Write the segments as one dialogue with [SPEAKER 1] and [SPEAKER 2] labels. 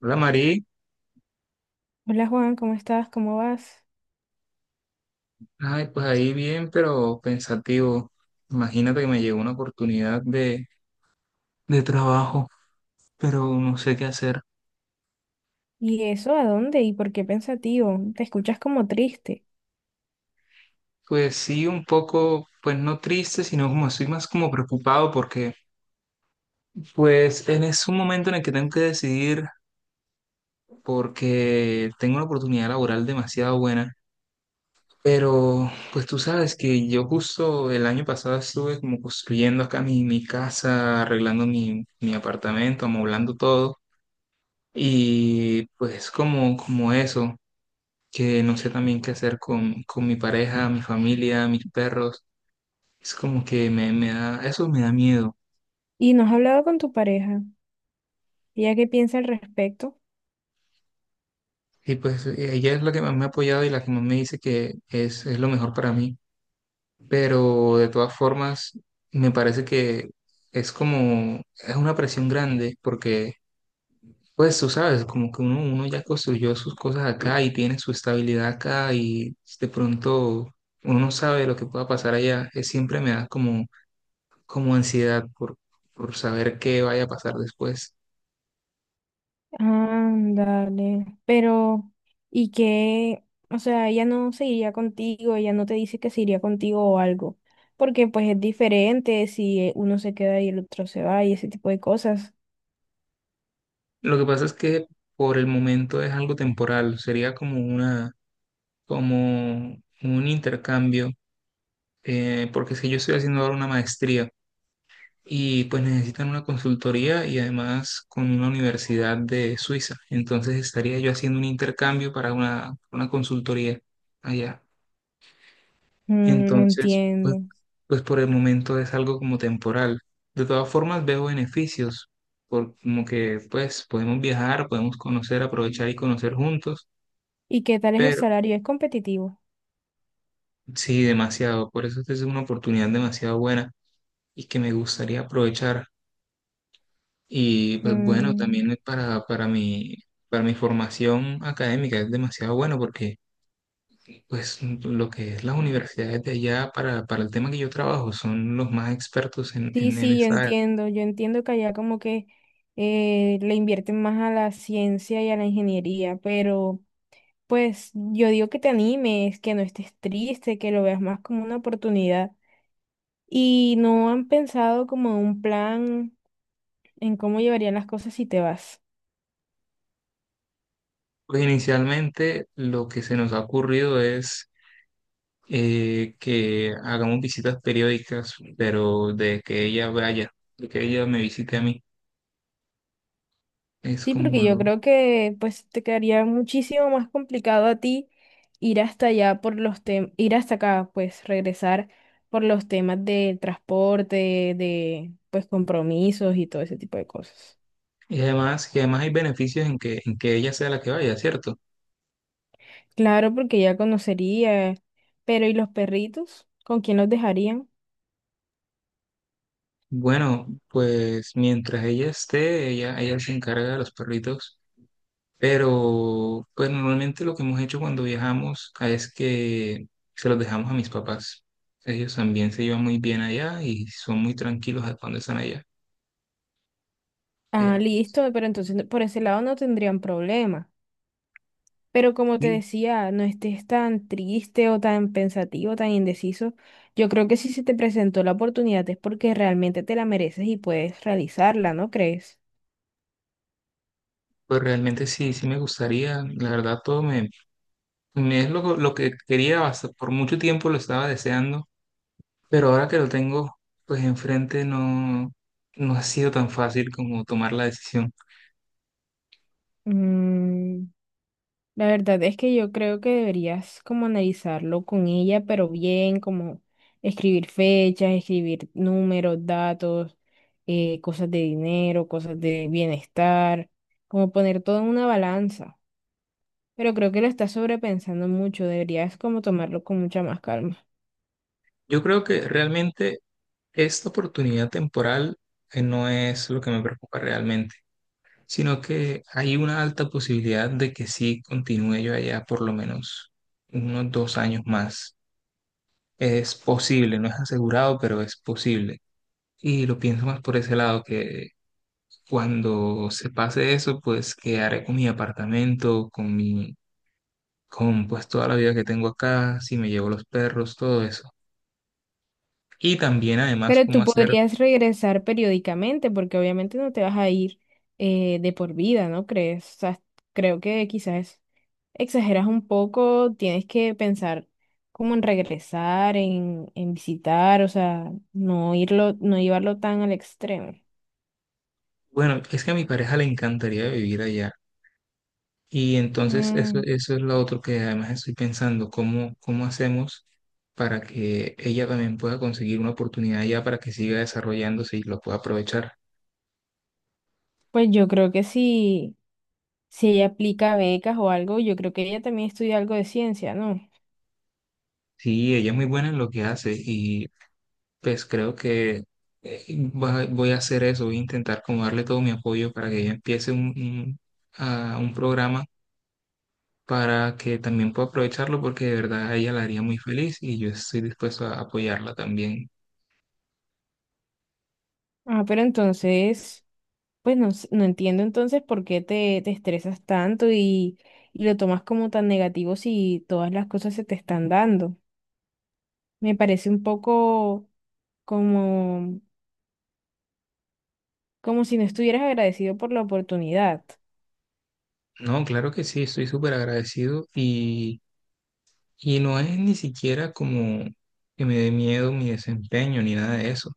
[SPEAKER 1] Hola Mari,
[SPEAKER 2] Hola Juan, ¿cómo estás? ¿Cómo vas?
[SPEAKER 1] ay, pues ahí bien, pero pensativo. Imagínate que me llegó una oportunidad de trabajo, pero no sé qué hacer.
[SPEAKER 2] ¿Y eso a dónde? ¿Y por qué pensativo? Te escuchas como triste.
[SPEAKER 1] Pues sí, un poco, pues no triste, sino como estoy más como preocupado porque pues es un momento en el que tengo que decidir porque tengo una oportunidad laboral demasiado buena. Pero pues tú sabes que yo justo el año pasado estuve como construyendo acá mi casa, arreglando mi apartamento, amoblando todo. Y pues como eso, que no sé también qué hacer con mi pareja, mi familia, mis perros, es como que me da, eso me da miedo.
[SPEAKER 2] ¿Y no has hablado con tu pareja? ¿Ella qué piensa al respecto?
[SPEAKER 1] Y pues ella es la que más me ha apoyado y la que más me dice que es lo mejor para mí. Pero de todas formas, me parece que es como, es una presión grande porque pues tú sabes, como que uno ya construyó sus cosas acá y tiene su estabilidad acá y de pronto uno no sabe lo que pueda pasar allá. Siempre me da como, como ansiedad por saber qué vaya a pasar después.
[SPEAKER 2] Ándale. Pero, ¿y qué? O sea, ella no se iría contigo, ella no te dice que se iría contigo o algo. Porque pues es diferente si uno se queda y el otro se va y ese tipo de cosas.
[SPEAKER 1] Lo que pasa es que por el momento es algo temporal, sería como como un intercambio, porque es que yo estoy haciendo ahora una maestría, y pues necesitan una consultoría y además con una universidad de Suiza. Entonces estaría yo haciendo un intercambio para una consultoría allá.
[SPEAKER 2] Mm,
[SPEAKER 1] Entonces,
[SPEAKER 2] entiendo.
[SPEAKER 1] pues por el momento es algo como temporal. De todas formas veo beneficios, por, como que pues podemos viajar, podemos conocer, aprovechar y conocer juntos,
[SPEAKER 2] ¿Y qué tal es el
[SPEAKER 1] pero
[SPEAKER 2] salario? ¿Es competitivo?
[SPEAKER 1] sí, demasiado. Por eso esta es una oportunidad demasiado buena y que me gustaría aprovechar. Y pues bueno,
[SPEAKER 2] Mm.
[SPEAKER 1] también para mi formación académica es demasiado bueno porque pues lo que es las universidades de allá para el tema que yo trabajo son los más expertos
[SPEAKER 2] Sí,
[SPEAKER 1] en
[SPEAKER 2] sí,
[SPEAKER 1] esa área.
[SPEAKER 2] yo entiendo que allá como que le invierten más a la ciencia y a la ingeniería, pero pues yo digo que te animes, que no estés triste, que lo veas más como una oportunidad. Y no han pensado como en un plan en cómo llevarían las cosas si te vas.
[SPEAKER 1] Pues inicialmente lo que se nos ha ocurrido es que hagamos visitas periódicas, pero de que ella vaya, de que ella me visite a mí. Es
[SPEAKER 2] Sí,
[SPEAKER 1] como
[SPEAKER 2] porque yo
[SPEAKER 1] lo...
[SPEAKER 2] creo que pues te quedaría muchísimo más complicado a ti ir hasta allá por los temas, ir hasta acá, pues regresar por los temas de transporte, de pues compromisos y todo ese tipo de cosas.
[SPEAKER 1] Y además hay beneficios en que ella sea la que vaya, ¿cierto?
[SPEAKER 2] Claro, porque ya conocería, pero ¿y los perritos? ¿Con quién los dejarían?
[SPEAKER 1] Bueno, pues mientras ella esté, ella se encarga de los perritos, pero pues normalmente lo que hemos hecho cuando viajamos es que se los dejamos a mis papás. Ellos también se llevan muy bien allá y son muy tranquilos cuando están allá.
[SPEAKER 2] Ah,
[SPEAKER 1] Pero pues,
[SPEAKER 2] listo, pero por ese lado no tendrían problema. Pero como te
[SPEAKER 1] sí,
[SPEAKER 2] decía, no estés tan triste o tan pensativo, tan indeciso. Yo creo que si se te presentó la oportunidad es porque realmente te la mereces y puedes realizarla, ¿no crees?
[SPEAKER 1] pues realmente sí, sí me gustaría, la verdad todo me, me es lo que quería, hasta por mucho tiempo lo estaba deseando, pero ahora que lo tengo pues enfrente no, no ha sido tan fácil como tomar la decisión.
[SPEAKER 2] Mm. La verdad es que yo creo que deberías como analizarlo con ella, pero bien, como escribir fechas, escribir números, datos, cosas de dinero, cosas de bienestar, como poner todo en una balanza. Pero creo que lo estás sobrepensando mucho, deberías como tomarlo con mucha más calma.
[SPEAKER 1] Yo creo que realmente esta oportunidad temporal no es lo que me preocupa realmente, sino que hay una alta posibilidad de que sí continúe yo allá por lo menos unos 2 años más. Es posible, no es asegurado, pero es posible. Y lo pienso más por ese lado, que cuando se pase eso, pues quedaré con mi apartamento, con mi, con pues toda la vida que tengo acá, si me llevo los perros, todo eso. Y también además
[SPEAKER 2] Pero
[SPEAKER 1] cómo
[SPEAKER 2] tú
[SPEAKER 1] hacer.
[SPEAKER 2] podrías regresar periódicamente, porque obviamente no te vas a ir de por vida, ¿no crees? O sea, creo que quizás exageras un poco, tienes que pensar como en regresar, en visitar, o sea, no irlo, no llevarlo tan al extremo.
[SPEAKER 1] Bueno, es que a mi pareja le encantaría vivir allá. Y entonces
[SPEAKER 2] Mm,
[SPEAKER 1] eso es lo otro que además estoy pensando, cómo, cómo hacemos para que ella también pueda conseguir una oportunidad allá para que siga desarrollándose y lo pueda aprovechar.
[SPEAKER 2] pues yo creo que si, si ella aplica becas o algo, yo creo que ella también estudia algo de ciencia, ¿no?
[SPEAKER 1] Sí, ella es muy buena en lo que hace y pues creo que eh, voy a hacer eso, voy a intentar como darle todo mi apoyo para que ella empiece un a un programa para que también pueda aprovecharlo porque de verdad a ella la haría muy feliz y yo estoy dispuesto a apoyarla también.
[SPEAKER 2] Ah, pero entonces pues no, no entiendo entonces por qué te estresas tanto y lo tomas como tan negativo si todas las cosas se te están dando. Me parece un poco como, como si no estuvieras agradecido por la oportunidad.
[SPEAKER 1] No, claro que sí, estoy súper agradecido y no es ni siquiera como que me dé miedo mi desempeño ni nada de eso.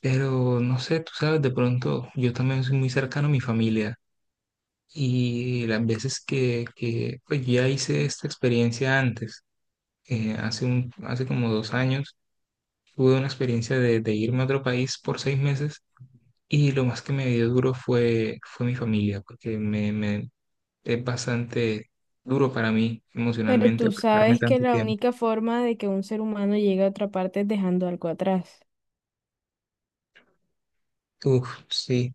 [SPEAKER 1] Pero no sé, tú sabes, de pronto yo también soy muy cercano a mi familia y las veces que pues ya hice esta experiencia antes, hace un, hace como 2 años, tuve una experiencia de irme a otro país por 6 meses y lo más que me dio duro fue mi familia, porque es bastante duro para mí
[SPEAKER 2] Pero
[SPEAKER 1] emocionalmente
[SPEAKER 2] tú
[SPEAKER 1] apartarme
[SPEAKER 2] sabes que
[SPEAKER 1] tanto
[SPEAKER 2] la
[SPEAKER 1] tiempo.
[SPEAKER 2] única forma de que un ser humano llegue a otra parte es dejando algo atrás.
[SPEAKER 1] Uf, sí,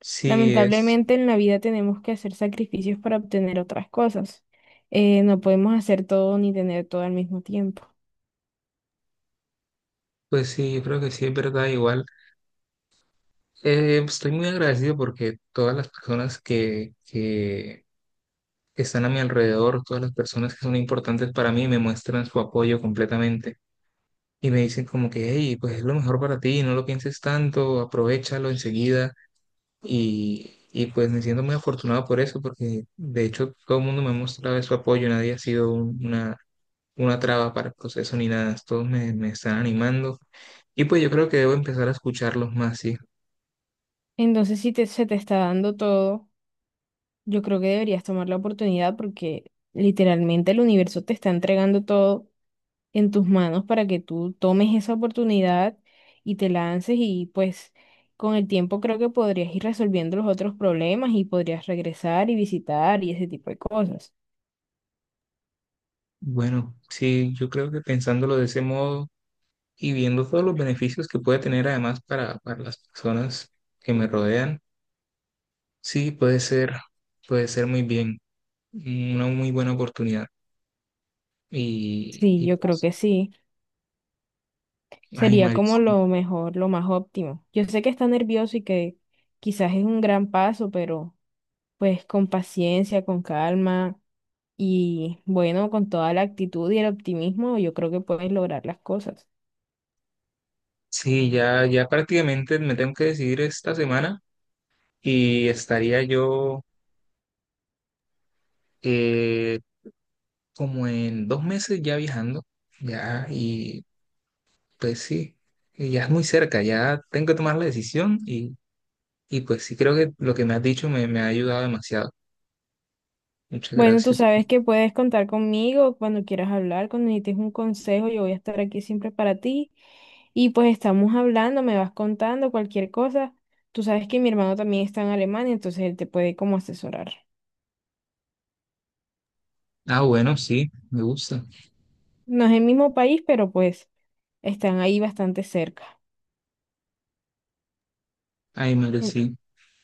[SPEAKER 1] sí es,
[SPEAKER 2] Lamentablemente en la vida tenemos que hacer sacrificios para obtener otras cosas. No podemos hacer todo ni tener todo al mismo tiempo.
[SPEAKER 1] pues sí, yo creo que sí es verdad, igual. Estoy muy agradecido porque todas las personas que están a mi alrededor, todas las personas que son importantes para mí, me muestran su apoyo completamente y me dicen como que, hey, pues es lo mejor para ti, no lo pienses tanto, aprovéchalo enseguida y pues me siento muy afortunado por eso porque de hecho todo el mundo me ha mostrado su apoyo, nadie ha sido una traba para el proceso ni nada. Todos me, me están animando. Y pues yo creo que debo empezar a escucharlos más, sí.
[SPEAKER 2] Entonces, si se te está dando todo. Yo creo que deberías tomar la oportunidad porque literalmente el universo te está entregando todo en tus manos para que tú tomes esa oportunidad y te lances y pues con el tiempo creo que podrías ir resolviendo los otros problemas y podrías regresar y visitar y ese tipo de cosas.
[SPEAKER 1] Bueno, sí, yo creo que pensándolo de ese modo y viendo todos los beneficios que puede tener además para las personas que me rodean, sí, puede ser muy bien, una muy buena oportunidad.
[SPEAKER 2] Sí,
[SPEAKER 1] Y
[SPEAKER 2] yo creo
[SPEAKER 1] pues,
[SPEAKER 2] que sí.
[SPEAKER 1] ay,
[SPEAKER 2] Sería
[SPEAKER 1] Mari,
[SPEAKER 2] como
[SPEAKER 1] sí,
[SPEAKER 2] lo mejor, lo más óptimo. Yo sé que está nervioso y que quizás es un gran paso, pero pues con paciencia, con calma. Y bueno, con toda la actitud y el optimismo, yo creo que puedes lograr las cosas.
[SPEAKER 1] sí, ya, ya prácticamente me tengo que decidir esta semana y estaría yo... eh, como en 2 meses ya viajando, ya, y pues sí, y ya es muy cerca, ya tengo que tomar la decisión y pues sí, creo que lo que me has dicho me, me ha ayudado demasiado. Muchas
[SPEAKER 2] Bueno, tú
[SPEAKER 1] gracias.
[SPEAKER 2] sabes que puedes contar conmigo cuando quieras hablar, cuando necesites un consejo, yo voy a estar aquí siempre para ti. Y pues estamos hablando, me vas contando cualquier cosa. Tú sabes que mi hermano también está en Alemania, entonces él te puede como asesorar.
[SPEAKER 1] Ah, bueno, sí, me gusta.
[SPEAKER 2] No es el mismo país, pero pues están ahí bastante cerca.
[SPEAKER 1] Ay, Mario, sí.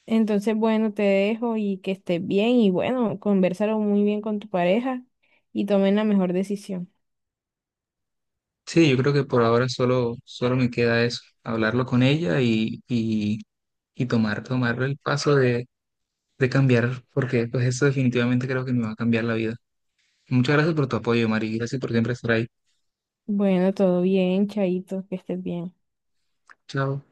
[SPEAKER 2] Entonces, bueno, te dejo y que estés bien y bueno, conversaron muy bien con tu pareja y tomen la mejor decisión.
[SPEAKER 1] Sí, yo creo que por ahora solo, solo me queda eso, hablarlo con ella y tomar, tomar el paso de cambiar, porque pues eso definitivamente creo que me va a cambiar la vida. Muchas gracias por tu apoyo, Mari. Gracias por siempre estar ahí.
[SPEAKER 2] Bueno, todo bien, Chaito, que estés bien.
[SPEAKER 1] Chao.